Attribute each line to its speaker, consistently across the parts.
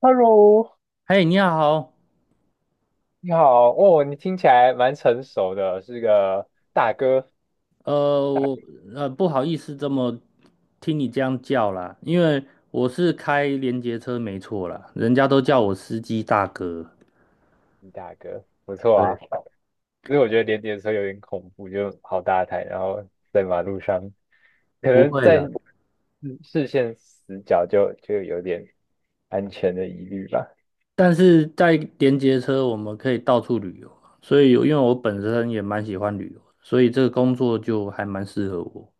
Speaker 1: Hello，
Speaker 2: 嘿，你好。
Speaker 1: 你好，哦，你听起来蛮成熟的，是个大哥，
Speaker 2: 呃，
Speaker 1: 大
Speaker 2: 我不好意思，这么听你这样叫啦，因为我是开连接车没错啦，人家都叫我司机大哥。
Speaker 1: 大哥，不错啊。
Speaker 2: 对，
Speaker 1: 其实我觉得连接的时候有点恐怖，就好大台，然后在马路上，可
Speaker 2: 不
Speaker 1: 能
Speaker 2: 会
Speaker 1: 在
Speaker 2: 啦。
Speaker 1: 视线死角就有点安全的疑虑吧。
Speaker 2: 但是在连接车，我们可以到处旅游啊，所以有因为我本身也蛮喜欢旅游，所以这个工作就还蛮适合我。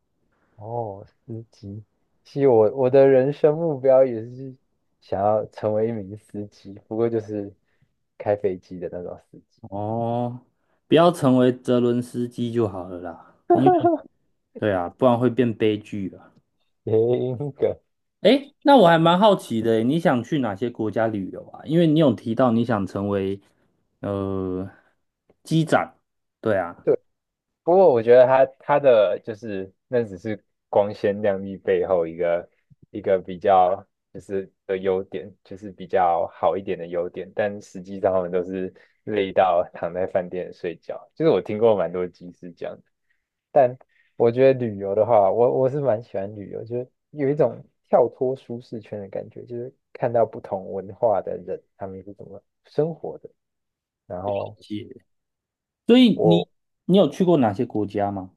Speaker 1: 哦，司机，其实我的人生目标也是想要成为一名司机，不过就是开飞机的那种司机。
Speaker 2: 哦，不要成为泽伦斯基就好了啦，因为 对啊，不然会变悲剧啊。
Speaker 1: 谐音梗，
Speaker 2: 诶，那我还蛮好奇的，你想去哪些国家旅游啊？因为你有提到你想成为呃机长，对啊，
Speaker 1: 不过我觉得他就是那只是光鲜亮丽背后一个比较就是的优点，就是比较好一点的优点，但实际上他们都是累到躺在饭店睡觉。就是我听过蛮多集是这样的，但我觉得旅游的话，我是蛮喜欢旅游，就是有一种跳脱舒适圈的感觉，就是看到不同文化的人他们是怎么生活的，然后。
Speaker 2: 是所以你
Speaker 1: 我。
Speaker 2: 有去过哪些国家吗？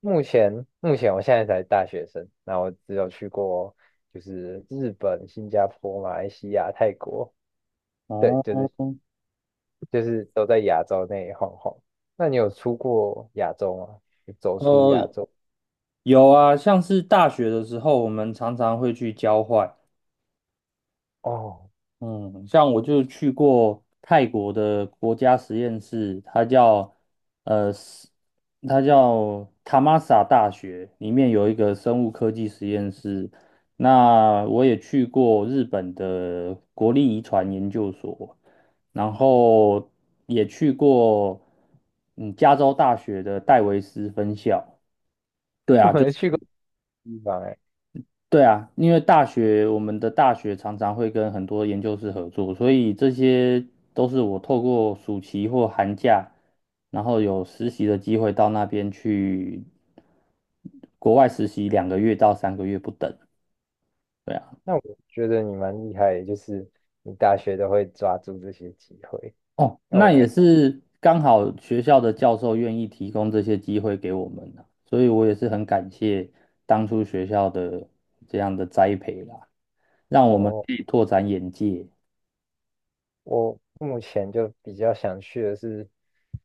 Speaker 1: 目前目前我现在才大学生，那我只有去过就是日本、新加坡、马来西亚、泰国，对，就
Speaker 2: 哦，
Speaker 1: 是就是都在亚洲内晃晃。那你有出过亚洲吗？有走出
Speaker 2: 呃，
Speaker 1: 亚洲？
Speaker 2: 有啊，像是大学的时候，我们常常会去交换。
Speaker 1: 哦，
Speaker 2: 嗯，像我就去过泰国的国家实验室，它叫呃，是它叫塔玛萨大学，里面有一个生物科技实验室。那我也去过日本的国立遗传研究所，然 后也去过嗯加州大学的戴维斯分校。对
Speaker 1: 我
Speaker 2: 啊，就
Speaker 1: 没
Speaker 2: 是。
Speaker 1: 去过的地方哎。
Speaker 2: 对啊，因为大学，我们的大学常常会跟很多研究室合作，所以这些都是我透过暑期或寒假，然后有实习的机会到那边去国外实习两个月到三个月不等。对啊。
Speaker 1: 那我觉得你蛮厉害的，就是你大学都会抓住这些机会。
Speaker 2: 哦，
Speaker 1: 那我
Speaker 2: 那也是刚好学校的教授愿意提供这些机会给我们啊，所以我也是很感谢当初学校的这样的栽培啦，让我们
Speaker 1: 哦，
Speaker 2: 可以拓展眼界。
Speaker 1: 我目前就比较想去的是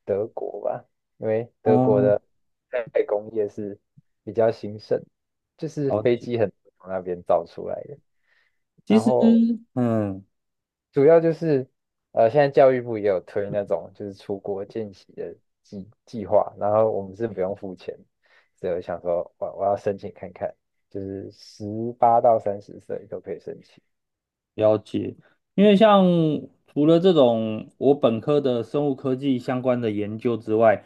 Speaker 1: 德国吧，因为德国的代工业是比较兴盛，就是飞
Speaker 2: 好
Speaker 1: 机很多从那边造出来的。
Speaker 2: 其
Speaker 1: 然
Speaker 2: 实，
Speaker 1: 后
Speaker 2: 嗯，
Speaker 1: 主要就是现在教育部也有推那种就是出国见习的计划，然后我们是不用付钱，所以我想说我要申请看看，就是18到30岁都可以申请。
Speaker 2: 了解，因为像除了这种我本科的生物科技相关的研究之外，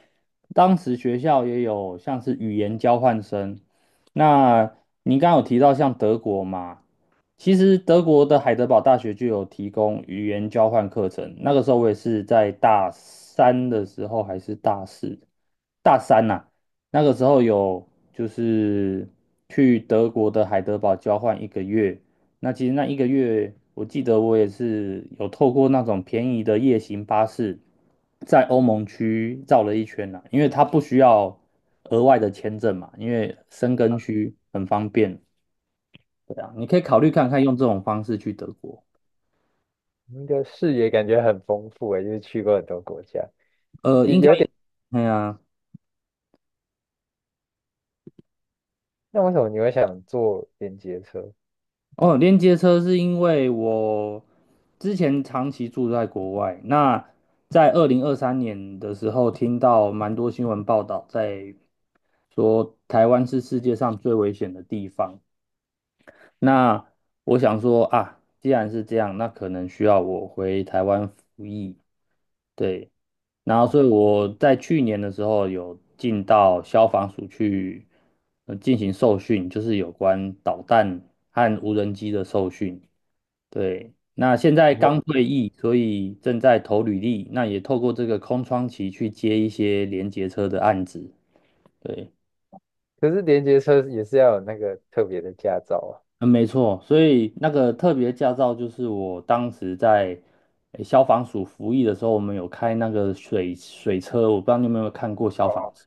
Speaker 2: 当时学校也有像是语言交换生。那您刚刚有提到像德国嘛，其实德国的海德堡大学就有提供语言交换课程。那个时候我也是在大三的时候还是大四，大三呐、那个时候有就是去德国的海德堡交换一个月。那其实那一个月，我记得我也是有透过那种便宜的夜行巴士，在欧盟区绕了一圈啦，因为它不需要额外的签证嘛，因为申根区很方便。对啊，你可以考虑看看用这种方式去德国。
Speaker 1: 你的视野感觉很丰富诶，就是去过很多国家。第
Speaker 2: 应该也，哎啊。
Speaker 1: 那为什么你会想坐连接车？
Speaker 2: 哦，连接车是因为我之前长期住在国外，那在二零二三年的时候，听到蛮多新闻报道在说台湾是世界上最危险的地方。那我想说啊，既然是这样，那可能需要我回台湾服役。对，然后
Speaker 1: 哦，
Speaker 2: 所以
Speaker 1: 我
Speaker 2: 我在去年的时候有进到消防署去进行受训，就是有关导弹和无人机的受训。对，那现在
Speaker 1: 我
Speaker 2: 刚退役，所以正在投履历，那也透过这个空窗期去接一些连结车的案子。对，
Speaker 1: 可是连接车也是要有那个特别的驾照啊。
Speaker 2: 嗯，没错，所以那个特别驾照就是我当时在消防署服役的时候，我们有开那个水车我不知道你有没有看过消防 车。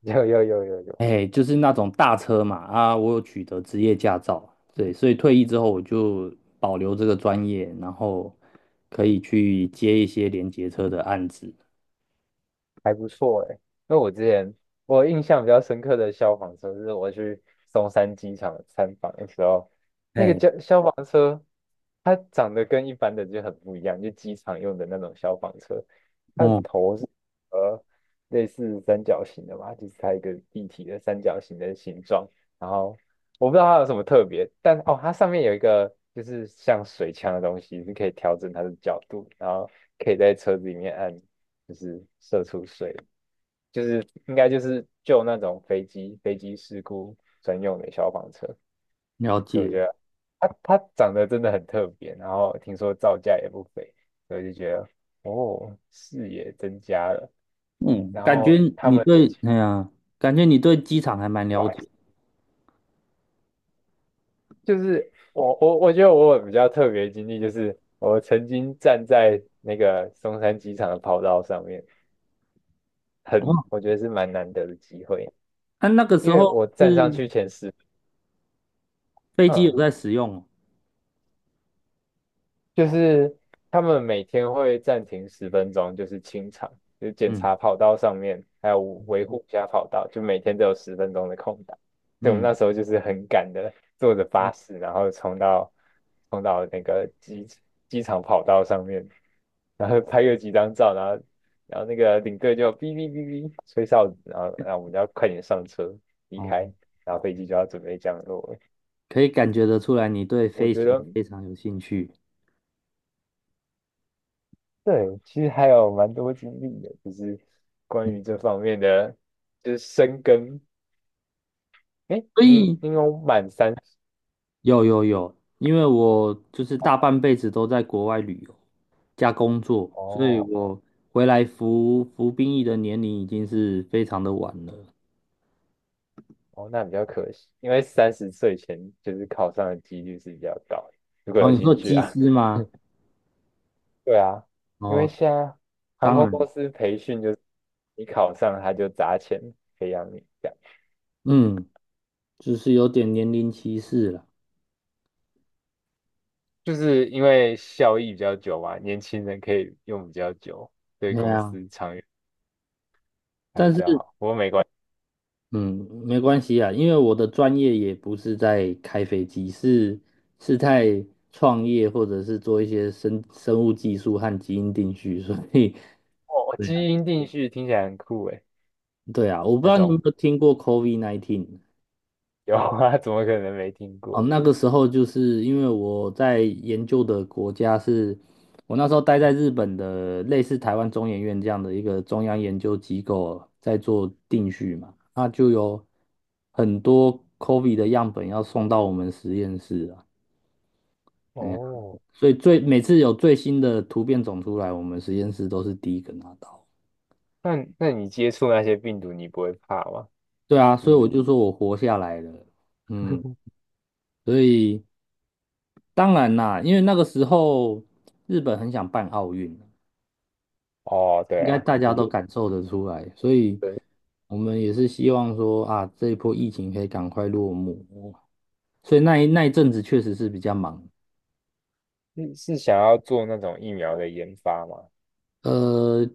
Speaker 1: 有。
Speaker 2: 哎，就是那种大车嘛，啊，我有取得职业驾照，对，所以退役之后我就保留这个专业，然后可以去接一些连结车的案子。
Speaker 1: 还不错诶，因为我之前我印象比较深刻的消防车是我去松山机场参访的时候，那个
Speaker 2: 哎，
Speaker 1: 消防车，它长得跟一般的就很不一样，就机场用的那种消防车，它的
Speaker 2: 哦，
Speaker 1: 头是呃类似三角形的嘛，就是它一个立体的三角形的形状，然后我不知道它有什么特别，但哦，它上面有一个就是像水枪的东西，是可以调整它的角度，然后可以在车子里面按。就是射出水，就是应该就是救那种飞机事故专用的消防车。
Speaker 2: 了
Speaker 1: 所以我
Speaker 2: 解。
Speaker 1: 觉得它长得真的很特别，然后听说造价也不菲，所以就觉得哦，视野增加了。
Speaker 2: 嗯，
Speaker 1: 然
Speaker 2: 感觉
Speaker 1: 后他
Speaker 2: 你
Speaker 1: 们
Speaker 2: 对，哎呀，感觉你对机场还蛮
Speaker 1: 对
Speaker 2: 了
Speaker 1: 吧？
Speaker 2: 解
Speaker 1: 就是我觉得我有比较特别的经历，就是我曾经站在那个松山机场的跑道上面，
Speaker 2: 的
Speaker 1: 很
Speaker 2: 哦。
Speaker 1: 我觉得是蛮难得的机会，
Speaker 2: 那、那个时
Speaker 1: 因为
Speaker 2: 候
Speaker 1: 我站上
Speaker 2: 是
Speaker 1: 去前十，
Speaker 2: 飞机有
Speaker 1: 嗯，
Speaker 2: 在使用哦？
Speaker 1: 就是他们每天会暂停十分钟，就是清场，就是检
Speaker 2: 嗯
Speaker 1: 查跑道上面，还有维护一下跑道，就每天都有十分钟的空档。所以我们那
Speaker 2: 嗯，
Speaker 1: 时候就是很赶的，坐着巴士，然后冲到那个机场跑道上面，然后拍个几张照，然后然后那个领队就哔哔哔哔吹哨子，然后我们就要快点上车离开，
Speaker 2: 哦，
Speaker 1: 然后飞机就要准备降落了。
Speaker 2: 可以感觉得出来你对
Speaker 1: 我
Speaker 2: 飞
Speaker 1: 觉
Speaker 2: 行
Speaker 1: 得
Speaker 2: 非常有兴趣。
Speaker 1: 对，其实还有蛮多经历的，就是关
Speaker 2: 嗯，
Speaker 1: 于这方面的，就是深耕。诶，
Speaker 2: 所
Speaker 1: 你
Speaker 2: 以
Speaker 1: 你有满三十
Speaker 2: 有有有，因为我就是大半辈子都在国外旅游加工作，所以
Speaker 1: 哦
Speaker 2: 我回来服兵役的年龄已经是非常的晚了。
Speaker 1: 哦，那比较可惜，因为三十岁前就是考上的几率是比较高的。如果
Speaker 2: 哦，
Speaker 1: 有
Speaker 2: 你说
Speaker 1: 兴趣
Speaker 2: 机
Speaker 1: 啊，
Speaker 2: 师 吗？
Speaker 1: 对啊，因为
Speaker 2: 哦，
Speaker 1: 现在航
Speaker 2: 当
Speaker 1: 空
Speaker 2: 然，
Speaker 1: 公司培训就是你考上他就砸钱培养你，这样
Speaker 2: 嗯。就是有点年龄歧视了。
Speaker 1: 就是因为效益比较久嘛，年轻人可以用比较久，对
Speaker 2: 对
Speaker 1: 公
Speaker 2: 呀，
Speaker 1: 司长远还比
Speaker 2: 但
Speaker 1: 较
Speaker 2: 是
Speaker 1: 好。不过没关。系。
Speaker 2: 嗯，没关系啊，因为我的专业也不是在开飞机，是是在创业或者是做一些生物技术和基因定序，所以
Speaker 1: 哦，
Speaker 2: 对啊，
Speaker 1: 基因定序听起来很酷诶，
Speaker 2: 对啊，我不知
Speaker 1: 那
Speaker 2: 道你有没
Speaker 1: 种
Speaker 2: 有听过 COVID-19。
Speaker 1: 有啊，怎么可能没听
Speaker 2: 哦，
Speaker 1: 过？
Speaker 2: 那个时候就是因为我在研究的国家是，我那时候待在日本的类似台湾中研院这样的一个中央研究机构，在做定序嘛，那就有很多 COVID 的样本要送到我们实验室啊。哎呀，
Speaker 1: 哦，
Speaker 2: 所以最每次有最新的突变种出来，我们实验室都是第一个拿到。
Speaker 1: 那那你接触那些病毒，你不会怕吗？
Speaker 2: 对啊，
Speaker 1: 就
Speaker 2: 所以
Speaker 1: 是
Speaker 2: 我就说我活下来了。嗯，所以当然啦，因为那个时候日本很想办奥运。
Speaker 1: 哦，
Speaker 2: 应
Speaker 1: 对
Speaker 2: 该
Speaker 1: 啊，
Speaker 2: 大家
Speaker 1: 就
Speaker 2: 都
Speaker 1: 是
Speaker 2: 感受得出来，所以我们也是希望说啊，这一波疫情可以赶快落幕。所以那一阵子确实是比较忙。
Speaker 1: 是是想要做那种疫苗的研发吗？
Speaker 2: 呃，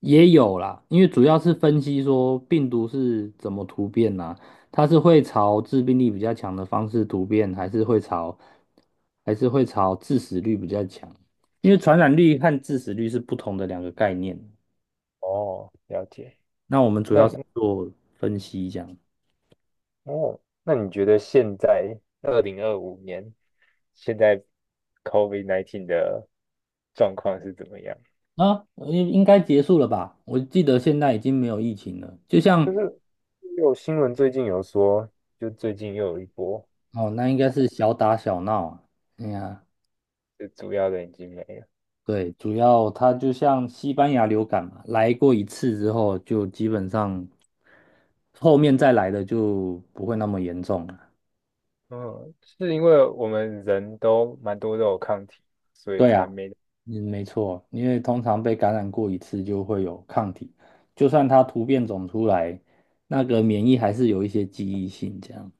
Speaker 2: 也有啦，因为主要是分析说病毒是怎么突变呐、它是会朝致病力比较强的方式突变，还是会朝致死率比较强？因为传染率和致死率是不同的两个概念。
Speaker 1: 哦，了解。
Speaker 2: 那我们主
Speaker 1: 那
Speaker 2: 要是做分析这样。
Speaker 1: 哦，那你觉得现在2025年，现在 COVID-19 的状况是怎么样？
Speaker 2: 啊，应该结束了吧？我记得现在已经没有疫情了，就像
Speaker 1: 就是有新闻最近有说，就最近又有一波，
Speaker 2: 哦，那应该是小打小闹啊。哎呀，
Speaker 1: 就主要的已经没了。
Speaker 2: 对，主要它就像西班牙流感嘛，来过一次之后，就基本上后面再来的就不会那么严重了。
Speaker 1: 嗯，是因为我们人都蛮多都有抗体，所以
Speaker 2: 对啊，
Speaker 1: 才没
Speaker 2: 嗯，没错，因为通常被感染过一次就会有抗体，就算它突变种出来，那个免疫还是有一些记忆性这样。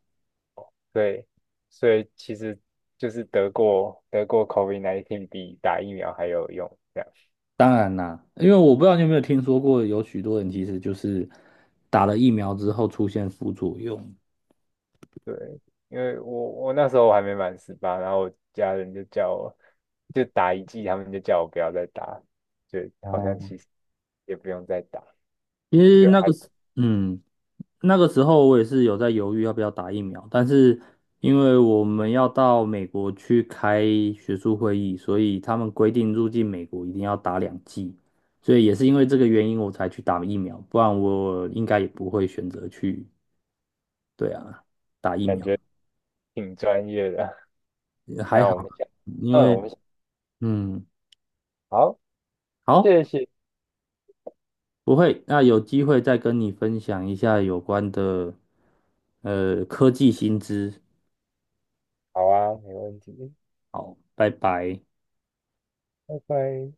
Speaker 1: 对，所以其实就是得过 COVID-19 比打疫苗还有用，这样
Speaker 2: 当然啦，因为我不知道你有没有听说过，有许多人其实就是打了疫苗之后出现副作用。
Speaker 1: 对。因为我那时候我还没满十八，然后我家人就叫我就打1剂，他们就叫我不要再打，就好像
Speaker 2: 哦，
Speaker 1: 其实也不用再打，
Speaker 2: 其实
Speaker 1: 就
Speaker 2: 那个
Speaker 1: 还
Speaker 2: 时，嗯，那个时候我也是有在犹豫要不要打疫苗，但是因为我们要到美国去开学术会议，所以他们规定入境美国一定要打两剂，所以也是因为这个原因我才去打疫苗，不然我应该也不会选择去。对啊，打疫
Speaker 1: 感
Speaker 2: 苗，
Speaker 1: 觉挺专业的。
Speaker 2: 也 还
Speaker 1: 那
Speaker 2: 好，
Speaker 1: 我们下，
Speaker 2: 因
Speaker 1: 嗯，
Speaker 2: 为，
Speaker 1: 我们下
Speaker 2: 嗯，
Speaker 1: 好，
Speaker 2: 好。
Speaker 1: 谢谢，
Speaker 2: 不会，那有机会再跟你分享一下有关的科技新知。
Speaker 1: 好啊，没问题，
Speaker 2: 好，拜拜。
Speaker 1: 拜拜。